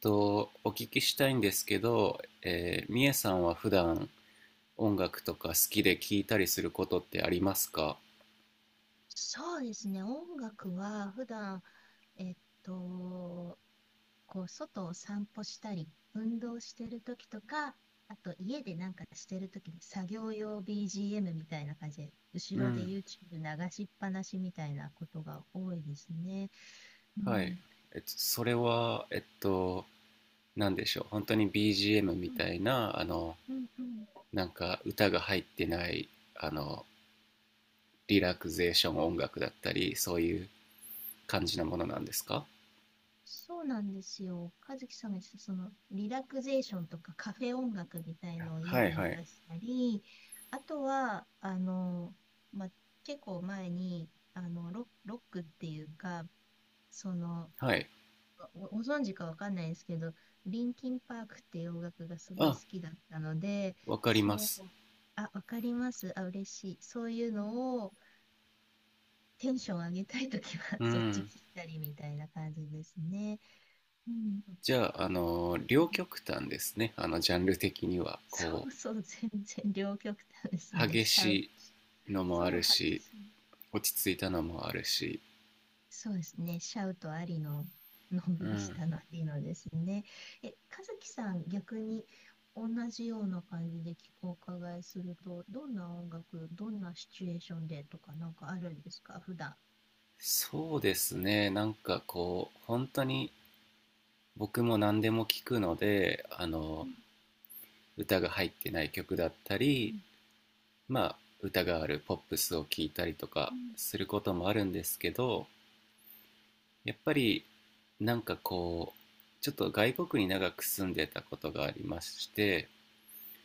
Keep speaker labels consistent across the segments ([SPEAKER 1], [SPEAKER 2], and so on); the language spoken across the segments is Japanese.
[SPEAKER 1] お聞きしたいんですけど、みえさんは普段音楽とか好きで聴いたりすることってありますか？
[SPEAKER 2] そうですね、音楽は普段、えっと、こう外を散歩したり、運動してる時とか、あと家でなんかしてる時に作業用 BGM みたいな感じで、
[SPEAKER 1] う
[SPEAKER 2] 後ろで
[SPEAKER 1] ん、
[SPEAKER 2] YouTube 流しっぱなしみたいなことが多いですね。う
[SPEAKER 1] はい。
[SPEAKER 2] ん、
[SPEAKER 1] それは、なんでしょう、本当に BGM み
[SPEAKER 2] うん、
[SPEAKER 1] たいな、
[SPEAKER 2] うん、うん。
[SPEAKER 1] なんか歌が入ってない、あの、リラクゼーション音楽だったり、そういう感じなものなんですか？
[SPEAKER 2] そうなんですよ。和樹さんが言ってた、その、リラクゼーションとかカフェ音楽みたいのを家
[SPEAKER 1] は
[SPEAKER 2] で
[SPEAKER 1] い
[SPEAKER 2] 流
[SPEAKER 1] はい。
[SPEAKER 2] したり、あとは、まあ、結構前に、ロックっていうか、その、
[SPEAKER 1] はい。
[SPEAKER 2] ご存知かわかんないですけど、リンキンパークっていう音楽がすごい
[SPEAKER 1] あ、
[SPEAKER 2] 好きだったので、
[SPEAKER 1] わかりま
[SPEAKER 2] そ
[SPEAKER 1] す。
[SPEAKER 2] う、あ、わかります。あ、嬉しい。そういうのをテンション上げたいときは、
[SPEAKER 1] う
[SPEAKER 2] そっち
[SPEAKER 1] ん。
[SPEAKER 2] 聞いたりみたいな感じですね。うん。
[SPEAKER 1] じゃあ、両極端ですね。ジャンル的には。
[SPEAKER 2] そ
[SPEAKER 1] こ
[SPEAKER 2] うそう、全然両極端です
[SPEAKER 1] う、
[SPEAKER 2] ね。
[SPEAKER 1] 激
[SPEAKER 2] シャウト。
[SPEAKER 1] しいのもあ
[SPEAKER 2] そ
[SPEAKER 1] る
[SPEAKER 2] う、激
[SPEAKER 1] し、
[SPEAKER 2] しい。
[SPEAKER 1] 落ち着いたのもあるし。
[SPEAKER 2] そうですね。シャウトありの、のんび
[SPEAKER 1] う
[SPEAKER 2] りし
[SPEAKER 1] ん。
[SPEAKER 2] たのありのですね。え、和樹さん、逆に同じような感じでお伺いすると、どんな音楽、どんなシチュエーションでとかなんかあるんですか、普段？
[SPEAKER 1] そうですね。なんかこう、本当に僕も何でも聞くので、
[SPEAKER 2] うん
[SPEAKER 1] 歌が入ってない曲だった
[SPEAKER 2] う
[SPEAKER 1] り、
[SPEAKER 2] ん
[SPEAKER 1] まあ、歌があるポップスを聞いたりとか
[SPEAKER 2] うん
[SPEAKER 1] することもあるんですけど、やっぱりなんかこう、ちょっと外国に長く住んでたことがありまして、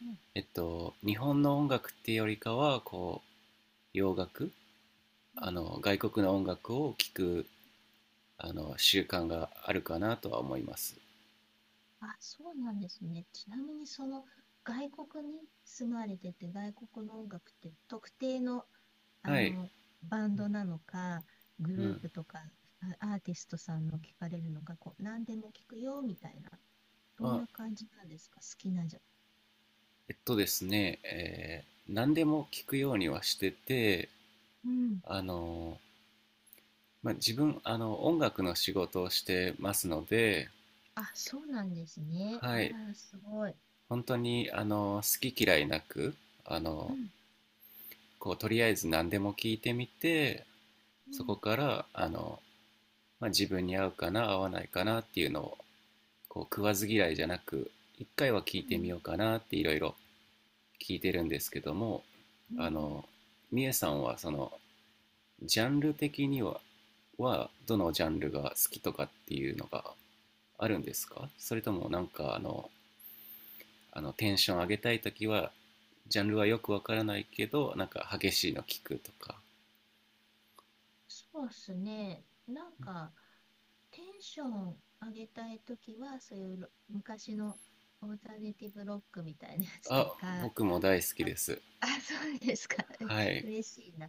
[SPEAKER 2] うんうん、
[SPEAKER 1] えっと日本の音楽っていうよりかはこう洋楽、あの外国の音楽を聴くあの習慣があるかなとは思います。
[SPEAKER 2] あ、そうなんですね。ちなみにその外国に住まれてて、外国の音楽って特定のあ
[SPEAKER 1] はい、
[SPEAKER 2] の、バンドなのか、グ
[SPEAKER 1] う
[SPEAKER 2] ルー
[SPEAKER 1] ん、
[SPEAKER 2] プとか、アーティストさんの聞かれるのか、こう、何でも聞くよみたいな、
[SPEAKER 1] ま
[SPEAKER 2] どん
[SPEAKER 1] あ、
[SPEAKER 2] な感じなんですか、好きなじゃ。
[SPEAKER 1] えっとですね、何でも聞くようにはしてて、
[SPEAKER 2] うん。
[SPEAKER 1] あの、まあ、自分あの音楽の仕事をしてますので、
[SPEAKER 2] あ、そうなんですね。あ
[SPEAKER 1] はい、
[SPEAKER 2] ら、すごい。
[SPEAKER 1] 本当にあの好き嫌いなく、あ
[SPEAKER 2] う
[SPEAKER 1] の、
[SPEAKER 2] ん、
[SPEAKER 1] こうとりあえず何でも聞いてみて、
[SPEAKER 2] う
[SPEAKER 1] そ
[SPEAKER 2] ん、
[SPEAKER 1] こからあの、まあ、自分に合うかな合わないかなっていうのをこう食わず嫌いじゃなく一回は
[SPEAKER 2] う
[SPEAKER 1] 聞いてみ
[SPEAKER 2] ん、
[SPEAKER 1] ようかなっていろいろ聞いてるんですけども、
[SPEAKER 2] う
[SPEAKER 1] あ
[SPEAKER 2] ん。
[SPEAKER 1] のみえさんはそのジャンル的にははどのジャンルが好きとかっていうのがあるんですか？それともなんかあの、あのテンション上げたいときはジャンルはよくわからないけどなんか激しいの聞くとか。
[SPEAKER 2] そうっすね。なんか、テンション上げたいときは、そういう昔のオルタネティブロックみたいなやつと
[SPEAKER 1] あ、
[SPEAKER 2] か、
[SPEAKER 1] 僕も大好きです。
[SPEAKER 2] あ、そうですか。
[SPEAKER 1] は い。
[SPEAKER 2] 嬉しいな。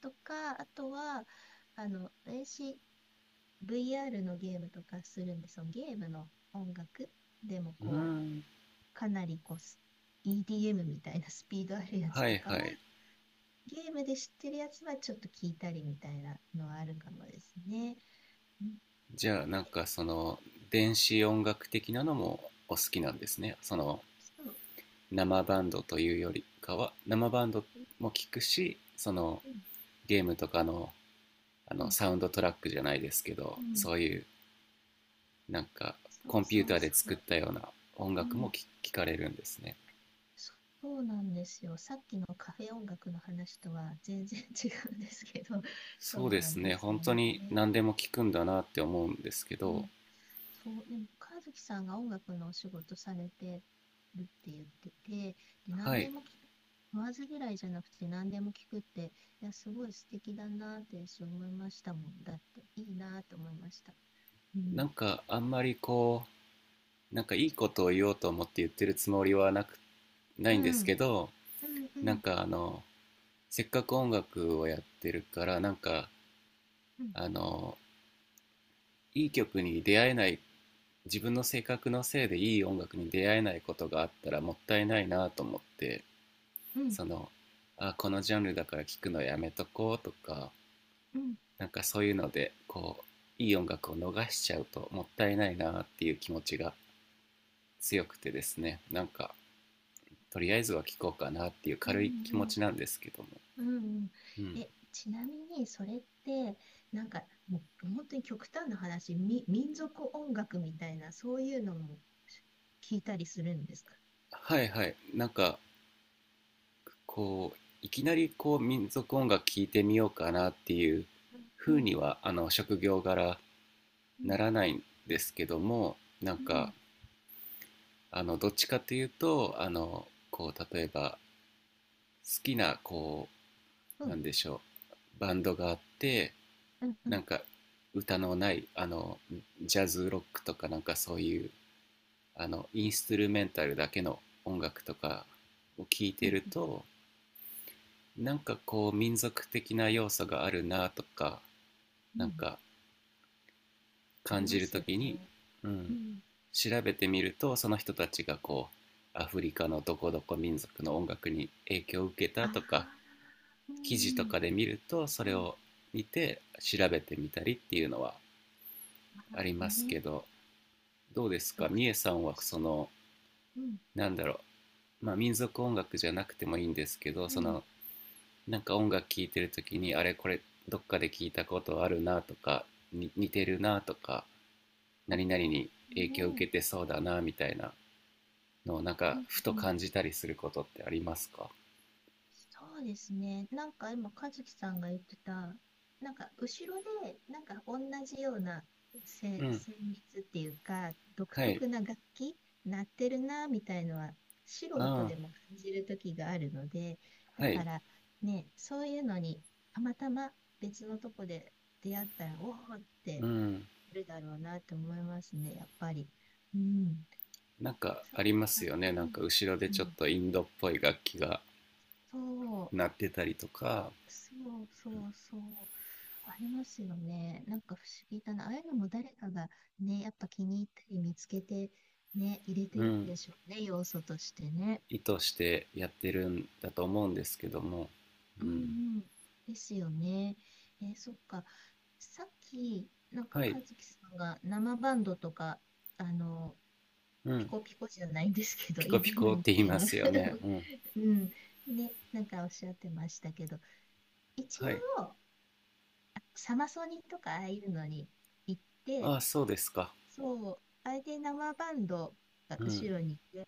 [SPEAKER 2] とか、あとは、私、VR のゲームとかするんで、そのゲームの音楽でも、
[SPEAKER 1] うー
[SPEAKER 2] こ
[SPEAKER 1] ん。
[SPEAKER 2] う、かなりこう、EDM みたいな スピードあるやつ
[SPEAKER 1] は
[SPEAKER 2] と
[SPEAKER 1] い
[SPEAKER 2] か
[SPEAKER 1] は
[SPEAKER 2] は、
[SPEAKER 1] い。
[SPEAKER 2] ゲームで知ってるやつはちょっと聞いたりみたいなのはあるかもですね。うん、
[SPEAKER 1] じゃあなんかその電子音楽的なのもお好きなんですね。その
[SPEAKER 2] そう。
[SPEAKER 1] 生バンドというよりかは生バンド
[SPEAKER 2] う
[SPEAKER 1] も聞くし、その
[SPEAKER 2] ん、
[SPEAKER 1] ゲームとかの
[SPEAKER 2] う
[SPEAKER 1] あの
[SPEAKER 2] ん、
[SPEAKER 1] サウンドトラックじゃないですけど
[SPEAKER 2] うん。
[SPEAKER 1] そういうなんか
[SPEAKER 2] そう
[SPEAKER 1] コンピ
[SPEAKER 2] そ
[SPEAKER 1] ュータ
[SPEAKER 2] う
[SPEAKER 1] ーで
[SPEAKER 2] そ
[SPEAKER 1] 作
[SPEAKER 2] う。
[SPEAKER 1] ったような音
[SPEAKER 2] う
[SPEAKER 1] 楽も
[SPEAKER 2] ん。
[SPEAKER 1] 聞かれるんですね。
[SPEAKER 2] そうなんですよ。さっきのカフェ音楽の話とは全然違うんですけど、そ
[SPEAKER 1] そ
[SPEAKER 2] う
[SPEAKER 1] うで
[SPEAKER 2] なん
[SPEAKER 1] す
[SPEAKER 2] で
[SPEAKER 1] ね、
[SPEAKER 2] すよ
[SPEAKER 1] 本当に
[SPEAKER 2] ね。
[SPEAKER 1] 何でも聞くんだなって思うんですけ
[SPEAKER 2] う
[SPEAKER 1] ど、
[SPEAKER 2] ん。そう、でも、和樹さんが音楽のお仕事されてるって言ってて、で、
[SPEAKER 1] は
[SPEAKER 2] 何で
[SPEAKER 1] い、
[SPEAKER 2] も聞く、言わず嫌いじゃなくて何でも聞くって、いや、すごい素敵だなって私思いましたもん。だって、いいなって思いました。う
[SPEAKER 1] な
[SPEAKER 2] ん。
[SPEAKER 1] んかあんまりなんかいいことを言おうと思って言ってるつもりはなく、な
[SPEAKER 2] う
[SPEAKER 1] いんです
[SPEAKER 2] ん、
[SPEAKER 1] けど、
[SPEAKER 2] うん、う
[SPEAKER 1] なん
[SPEAKER 2] ん、
[SPEAKER 1] かあの、せっかく音楽をやってるから、なんか
[SPEAKER 2] うん、
[SPEAKER 1] あの、いい曲に出会えない、自分の性格のせいでいい音楽に出会えないことがあったらもったいないなと思って、
[SPEAKER 2] うん、
[SPEAKER 1] その、あ、このジャンルだから聞くのやめとこうとか、
[SPEAKER 2] うん、うん、う
[SPEAKER 1] なんかそういうのでこういい音楽を逃しちゃうともったいないなっていう気持ちが強くてですね、なんかとりあえずは聴こうかなっていう
[SPEAKER 2] ん。う
[SPEAKER 1] 軽い気持
[SPEAKER 2] ん
[SPEAKER 1] ちなんですけども、
[SPEAKER 2] うんうん。
[SPEAKER 1] うん、
[SPEAKER 2] え、ちなみに、それって、なんか、もう本当に極端な話、民族音楽みたいな、そういうのも聞いたりするんですか？
[SPEAKER 1] はいはい、なんかこういきなりこう民族音楽聴いてみようかなっていう
[SPEAKER 2] うん、う
[SPEAKER 1] 風
[SPEAKER 2] ん、
[SPEAKER 1] にはあの職業柄
[SPEAKER 2] うん、
[SPEAKER 1] ならないんですけども、なんか
[SPEAKER 2] う
[SPEAKER 1] あの、どっちかというとあのこう例えば好きなこう
[SPEAKER 2] ん、
[SPEAKER 1] なんでしょうバンドがあって、
[SPEAKER 2] うん、うん、
[SPEAKER 1] なんか歌のないあのジャズロックとかなんかそういうあのインストゥルメンタルだけの音楽とかを聴い
[SPEAKER 2] う
[SPEAKER 1] て
[SPEAKER 2] ん、
[SPEAKER 1] ると、なんかこう民族的な要素があるなとか、
[SPEAKER 2] う
[SPEAKER 1] なん
[SPEAKER 2] ん、
[SPEAKER 1] か
[SPEAKER 2] あり
[SPEAKER 1] 感
[SPEAKER 2] ま
[SPEAKER 1] じる
[SPEAKER 2] す
[SPEAKER 1] と
[SPEAKER 2] よ
[SPEAKER 1] きに、
[SPEAKER 2] ね。
[SPEAKER 1] う
[SPEAKER 2] う
[SPEAKER 1] ん、
[SPEAKER 2] ん。
[SPEAKER 1] 調べてみるとその人たちがこうアフリカのどこどこ民族の音楽に影響を受け
[SPEAKER 2] あ
[SPEAKER 1] た
[SPEAKER 2] あ、
[SPEAKER 1] とか
[SPEAKER 2] う
[SPEAKER 1] 記事と
[SPEAKER 2] ん、
[SPEAKER 1] かで見るとそ
[SPEAKER 2] うん、う
[SPEAKER 1] れ
[SPEAKER 2] ん。
[SPEAKER 1] を見て調べてみたりっていうのは
[SPEAKER 2] あ
[SPEAKER 1] ありま
[SPEAKER 2] ー
[SPEAKER 1] す
[SPEAKER 2] ね、
[SPEAKER 1] けど、どうです
[SPEAKER 2] 独
[SPEAKER 1] か
[SPEAKER 2] 特、
[SPEAKER 1] みえさんは、その
[SPEAKER 2] うん、
[SPEAKER 1] なんだろう、まあ民族音楽じゃなくてもいいんですけど、
[SPEAKER 2] う
[SPEAKER 1] そ
[SPEAKER 2] ん。
[SPEAKER 1] のなんか音楽聴いてる時にあれこれどっかで聞いたことあるなとかに似てるなとか
[SPEAKER 2] あ
[SPEAKER 1] 何々に
[SPEAKER 2] ー
[SPEAKER 1] 影響を受
[SPEAKER 2] ね、
[SPEAKER 1] けてそうだなみたいなのをなん
[SPEAKER 2] う
[SPEAKER 1] かふと
[SPEAKER 2] ん、
[SPEAKER 1] 感じたりすることってありますか？
[SPEAKER 2] そうですね。なんか今、和樹さんが言ってた、なんか後ろで、なんか同じような
[SPEAKER 1] うん、
[SPEAKER 2] 旋律っていうか、独
[SPEAKER 1] はい、
[SPEAKER 2] 特な楽器、鳴ってるな、みたいのは、素人
[SPEAKER 1] あ
[SPEAKER 2] でも感じる時があるので、
[SPEAKER 1] あ、
[SPEAKER 2] だ
[SPEAKER 1] は
[SPEAKER 2] か
[SPEAKER 1] い、
[SPEAKER 2] らね、そういうのに、たまたま別のとこで出会ったら、おおっ
[SPEAKER 1] う
[SPEAKER 2] て
[SPEAKER 1] ん、
[SPEAKER 2] なるだろうなって思いますね、やっぱり。うん。
[SPEAKER 1] なんか
[SPEAKER 2] そ
[SPEAKER 1] あ
[SPEAKER 2] っ
[SPEAKER 1] ります
[SPEAKER 2] か、
[SPEAKER 1] よね、
[SPEAKER 2] う
[SPEAKER 1] なん
[SPEAKER 2] ん。
[SPEAKER 1] か後ろで
[SPEAKER 2] う
[SPEAKER 1] ちょっ
[SPEAKER 2] ん。
[SPEAKER 1] とインドっぽい楽器が
[SPEAKER 2] そう。
[SPEAKER 1] 鳴ってたりとか。
[SPEAKER 2] そうそうそう。ありますよね。なんか不思議だな。ああいうのも誰かがね、やっぱ気に入ったり見つけてね、入れて
[SPEAKER 1] う
[SPEAKER 2] るん
[SPEAKER 1] ん、
[SPEAKER 2] でしょうね、要素としてね。
[SPEAKER 1] 意図してやってるんだと思うんですけども、
[SPEAKER 2] う
[SPEAKER 1] う
[SPEAKER 2] んう
[SPEAKER 1] ん、
[SPEAKER 2] ん。ですよね。そっか。さっき、なんか
[SPEAKER 1] は
[SPEAKER 2] 和
[SPEAKER 1] い、
[SPEAKER 2] 樹さんが生バンドとか、あの、
[SPEAKER 1] う
[SPEAKER 2] ピ
[SPEAKER 1] ん、
[SPEAKER 2] コピコじゃないんですけど、
[SPEAKER 1] ピコピコ
[SPEAKER 2] EDM
[SPEAKER 1] っ
[SPEAKER 2] み
[SPEAKER 1] て言い
[SPEAKER 2] たい
[SPEAKER 1] ま
[SPEAKER 2] な
[SPEAKER 1] すよね、うん、
[SPEAKER 2] うん。ね、なんかおっしゃってましたけど、一
[SPEAKER 1] はい、
[SPEAKER 2] 応、サマソニとかああいうのに行って、
[SPEAKER 1] ああ、そうですか、
[SPEAKER 2] そう、あれで生バンドが
[SPEAKER 1] うん、
[SPEAKER 2] 後ろにいて、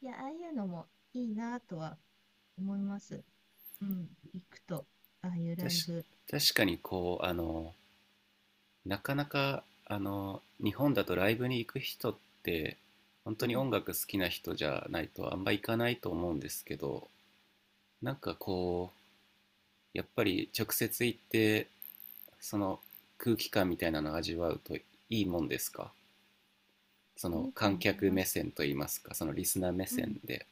[SPEAKER 2] いや、ああいうのもいいなとは思います。うん、行くと、ああいう
[SPEAKER 1] た
[SPEAKER 2] ライ
[SPEAKER 1] し
[SPEAKER 2] ブ、
[SPEAKER 1] 確かにこう、なかなか、日本だとライブに行く人って、本
[SPEAKER 2] う
[SPEAKER 1] 当に
[SPEAKER 2] ん、
[SPEAKER 1] 音楽好きな人じゃないとあんま行かないと思うんですけど、なんかこう、やっぱり直接行って、その空気感みたいなのを味わうといいもんですか、そ
[SPEAKER 2] い
[SPEAKER 1] の
[SPEAKER 2] いと
[SPEAKER 1] 観
[SPEAKER 2] 思い
[SPEAKER 1] 客
[SPEAKER 2] ま
[SPEAKER 1] 目
[SPEAKER 2] す。
[SPEAKER 1] 線といいますか、そのリスナー目
[SPEAKER 2] うん、
[SPEAKER 1] 線で、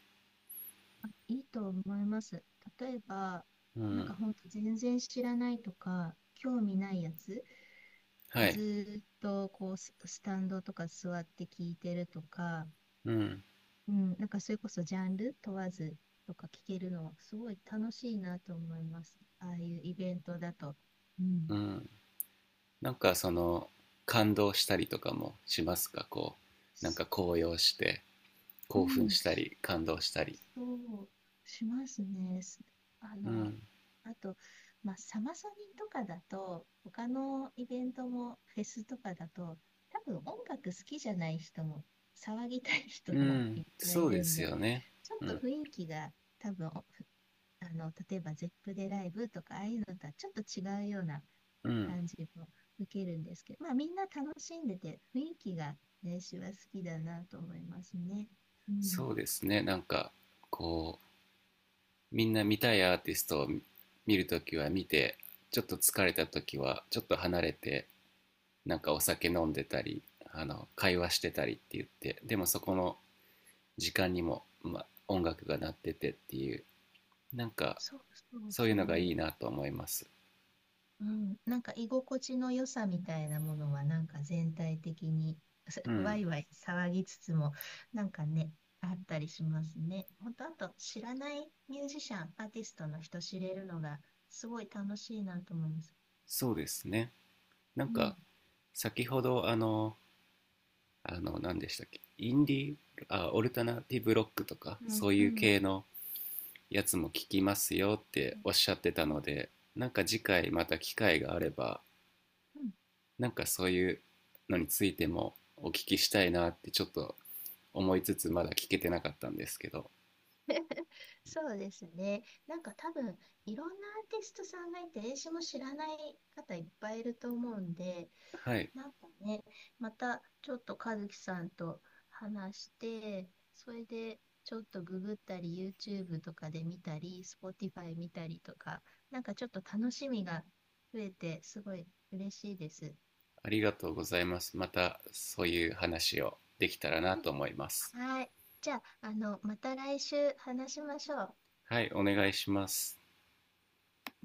[SPEAKER 2] あ、いいと思います。例えば、
[SPEAKER 1] う
[SPEAKER 2] なん
[SPEAKER 1] ん、
[SPEAKER 2] か本当全然知らないとか、興味ないやつ、
[SPEAKER 1] はい、
[SPEAKER 2] ずーっとこうスタンドとか座って聞いてるとか、
[SPEAKER 1] うん、
[SPEAKER 2] うん、なんかそれこそジャンル問わずとか聞けるのはすごい楽しいなと思います。ああいうイベントだと。う
[SPEAKER 1] う
[SPEAKER 2] ん。
[SPEAKER 1] ん、なんかその感動したりとかもしますか、こう
[SPEAKER 2] そ
[SPEAKER 1] なんか高揚して
[SPEAKER 2] う、う
[SPEAKER 1] 興奮
[SPEAKER 2] ん、
[SPEAKER 1] した
[SPEAKER 2] し
[SPEAKER 1] り感動したり。
[SPEAKER 2] そうしますね。あ
[SPEAKER 1] う
[SPEAKER 2] の、
[SPEAKER 1] ん、
[SPEAKER 2] あと、まあ、サマソニとかだと、他のイベントもフェスとかだと、多分音楽好きじゃない人も、騒ぎたい人
[SPEAKER 1] う
[SPEAKER 2] もい
[SPEAKER 1] ん、
[SPEAKER 2] っぱいい
[SPEAKER 1] そうで
[SPEAKER 2] るん
[SPEAKER 1] す
[SPEAKER 2] で、
[SPEAKER 1] よね、
[SPEAKER 2] ちょっ
[SPEAKER 1] う
[SPEAKER 2] と
[SPEAKER 1] ん、
[SPEAKER 2] 雰囲気が多分例えば ZEP でライブとか、ああいうのとはちょっと違うような
[SPEAKER 1] うん、
[SPEAKER 2] 感じも受けるんですけど、まあみんな楽しんでて、雰囲気が練は好きだなと思いますね。うん。
[SPEAKER 1] そうですね、なんかこう、みんな見たいアーティストを見るときは見て、ちょっと疲れたときはちょっと離れて、なんかお酒飲んでたりあの会話してたりって言って、でもそこの時間にも、ま、音楽が鳴っててっていう、なんか
[SPEAKER 2] そうそう
[SPEAKER 1] そういう
[SPEAKER 2] そ
[SPEAKER 1] のがいい
[SPEAKER 2] う。
[SPEAKER 1] なと思います。
[SPEAKER 2] うん。なんか居心地の良さみたいなものは、なんか全体的に
[SPEAKER 1] う
[SPEAKER 2] ワ
[SPEAKER 1] ん、
[SPEAKER 2] イワイ騒ぎつつも、なんかね、あったりしますね。ほんと、あと知らないミュージシャン、アーティストの人知れるのがすごい楽しいなと思います。
[SPEAKER 1] そうですね、なん
[SPEAKER 2] うん。
[SPEAKER 1] か先ほどあの、あの何でしたっけ、インディーあオルタナティブロックとか
[SPEAKER 2] うん
[SPEAKER 1] そう
[SPEAKER 2] う
[SPEAKER 1] いう
[SPEAKER 2] ん。
[SPEAKER 1] 系のやつも聞きますよって
[SPEAKER 2] うん
[SPEAKER 1] おっしゃってた
[SPEAKER 2] うん
[SPEAKER 1] ので、なんか次回また機会があれば
[SPEAKER 2] うん。
[SPEAKER 1] なんかそういうのについてもお聞きしたいなってちょっと思いつつまだ聞けてなかったんですけど、
[SPEAKER 2] そうですね。なんか多分いろんなアーティストさんがいて、英詞も知らない方いっぱいいると思うんで、
[SPEAKER 1] はい、
[SPEAKER 2] なんかね、またちょっと和樹さんと話して、それでちょっとググったり、YouTube とかで見たり、Spotify 見たりとか、なんかちょっと楽しみが増えて、すごい嬉しいです。
[SPEAKER 1] ありがとうございます。またそういう話をできたらなと思います。
[SPEAKER 2] うん、はい。じゃあ、また来週話しましょう。
[SPEAKER 1] はい、お願いします。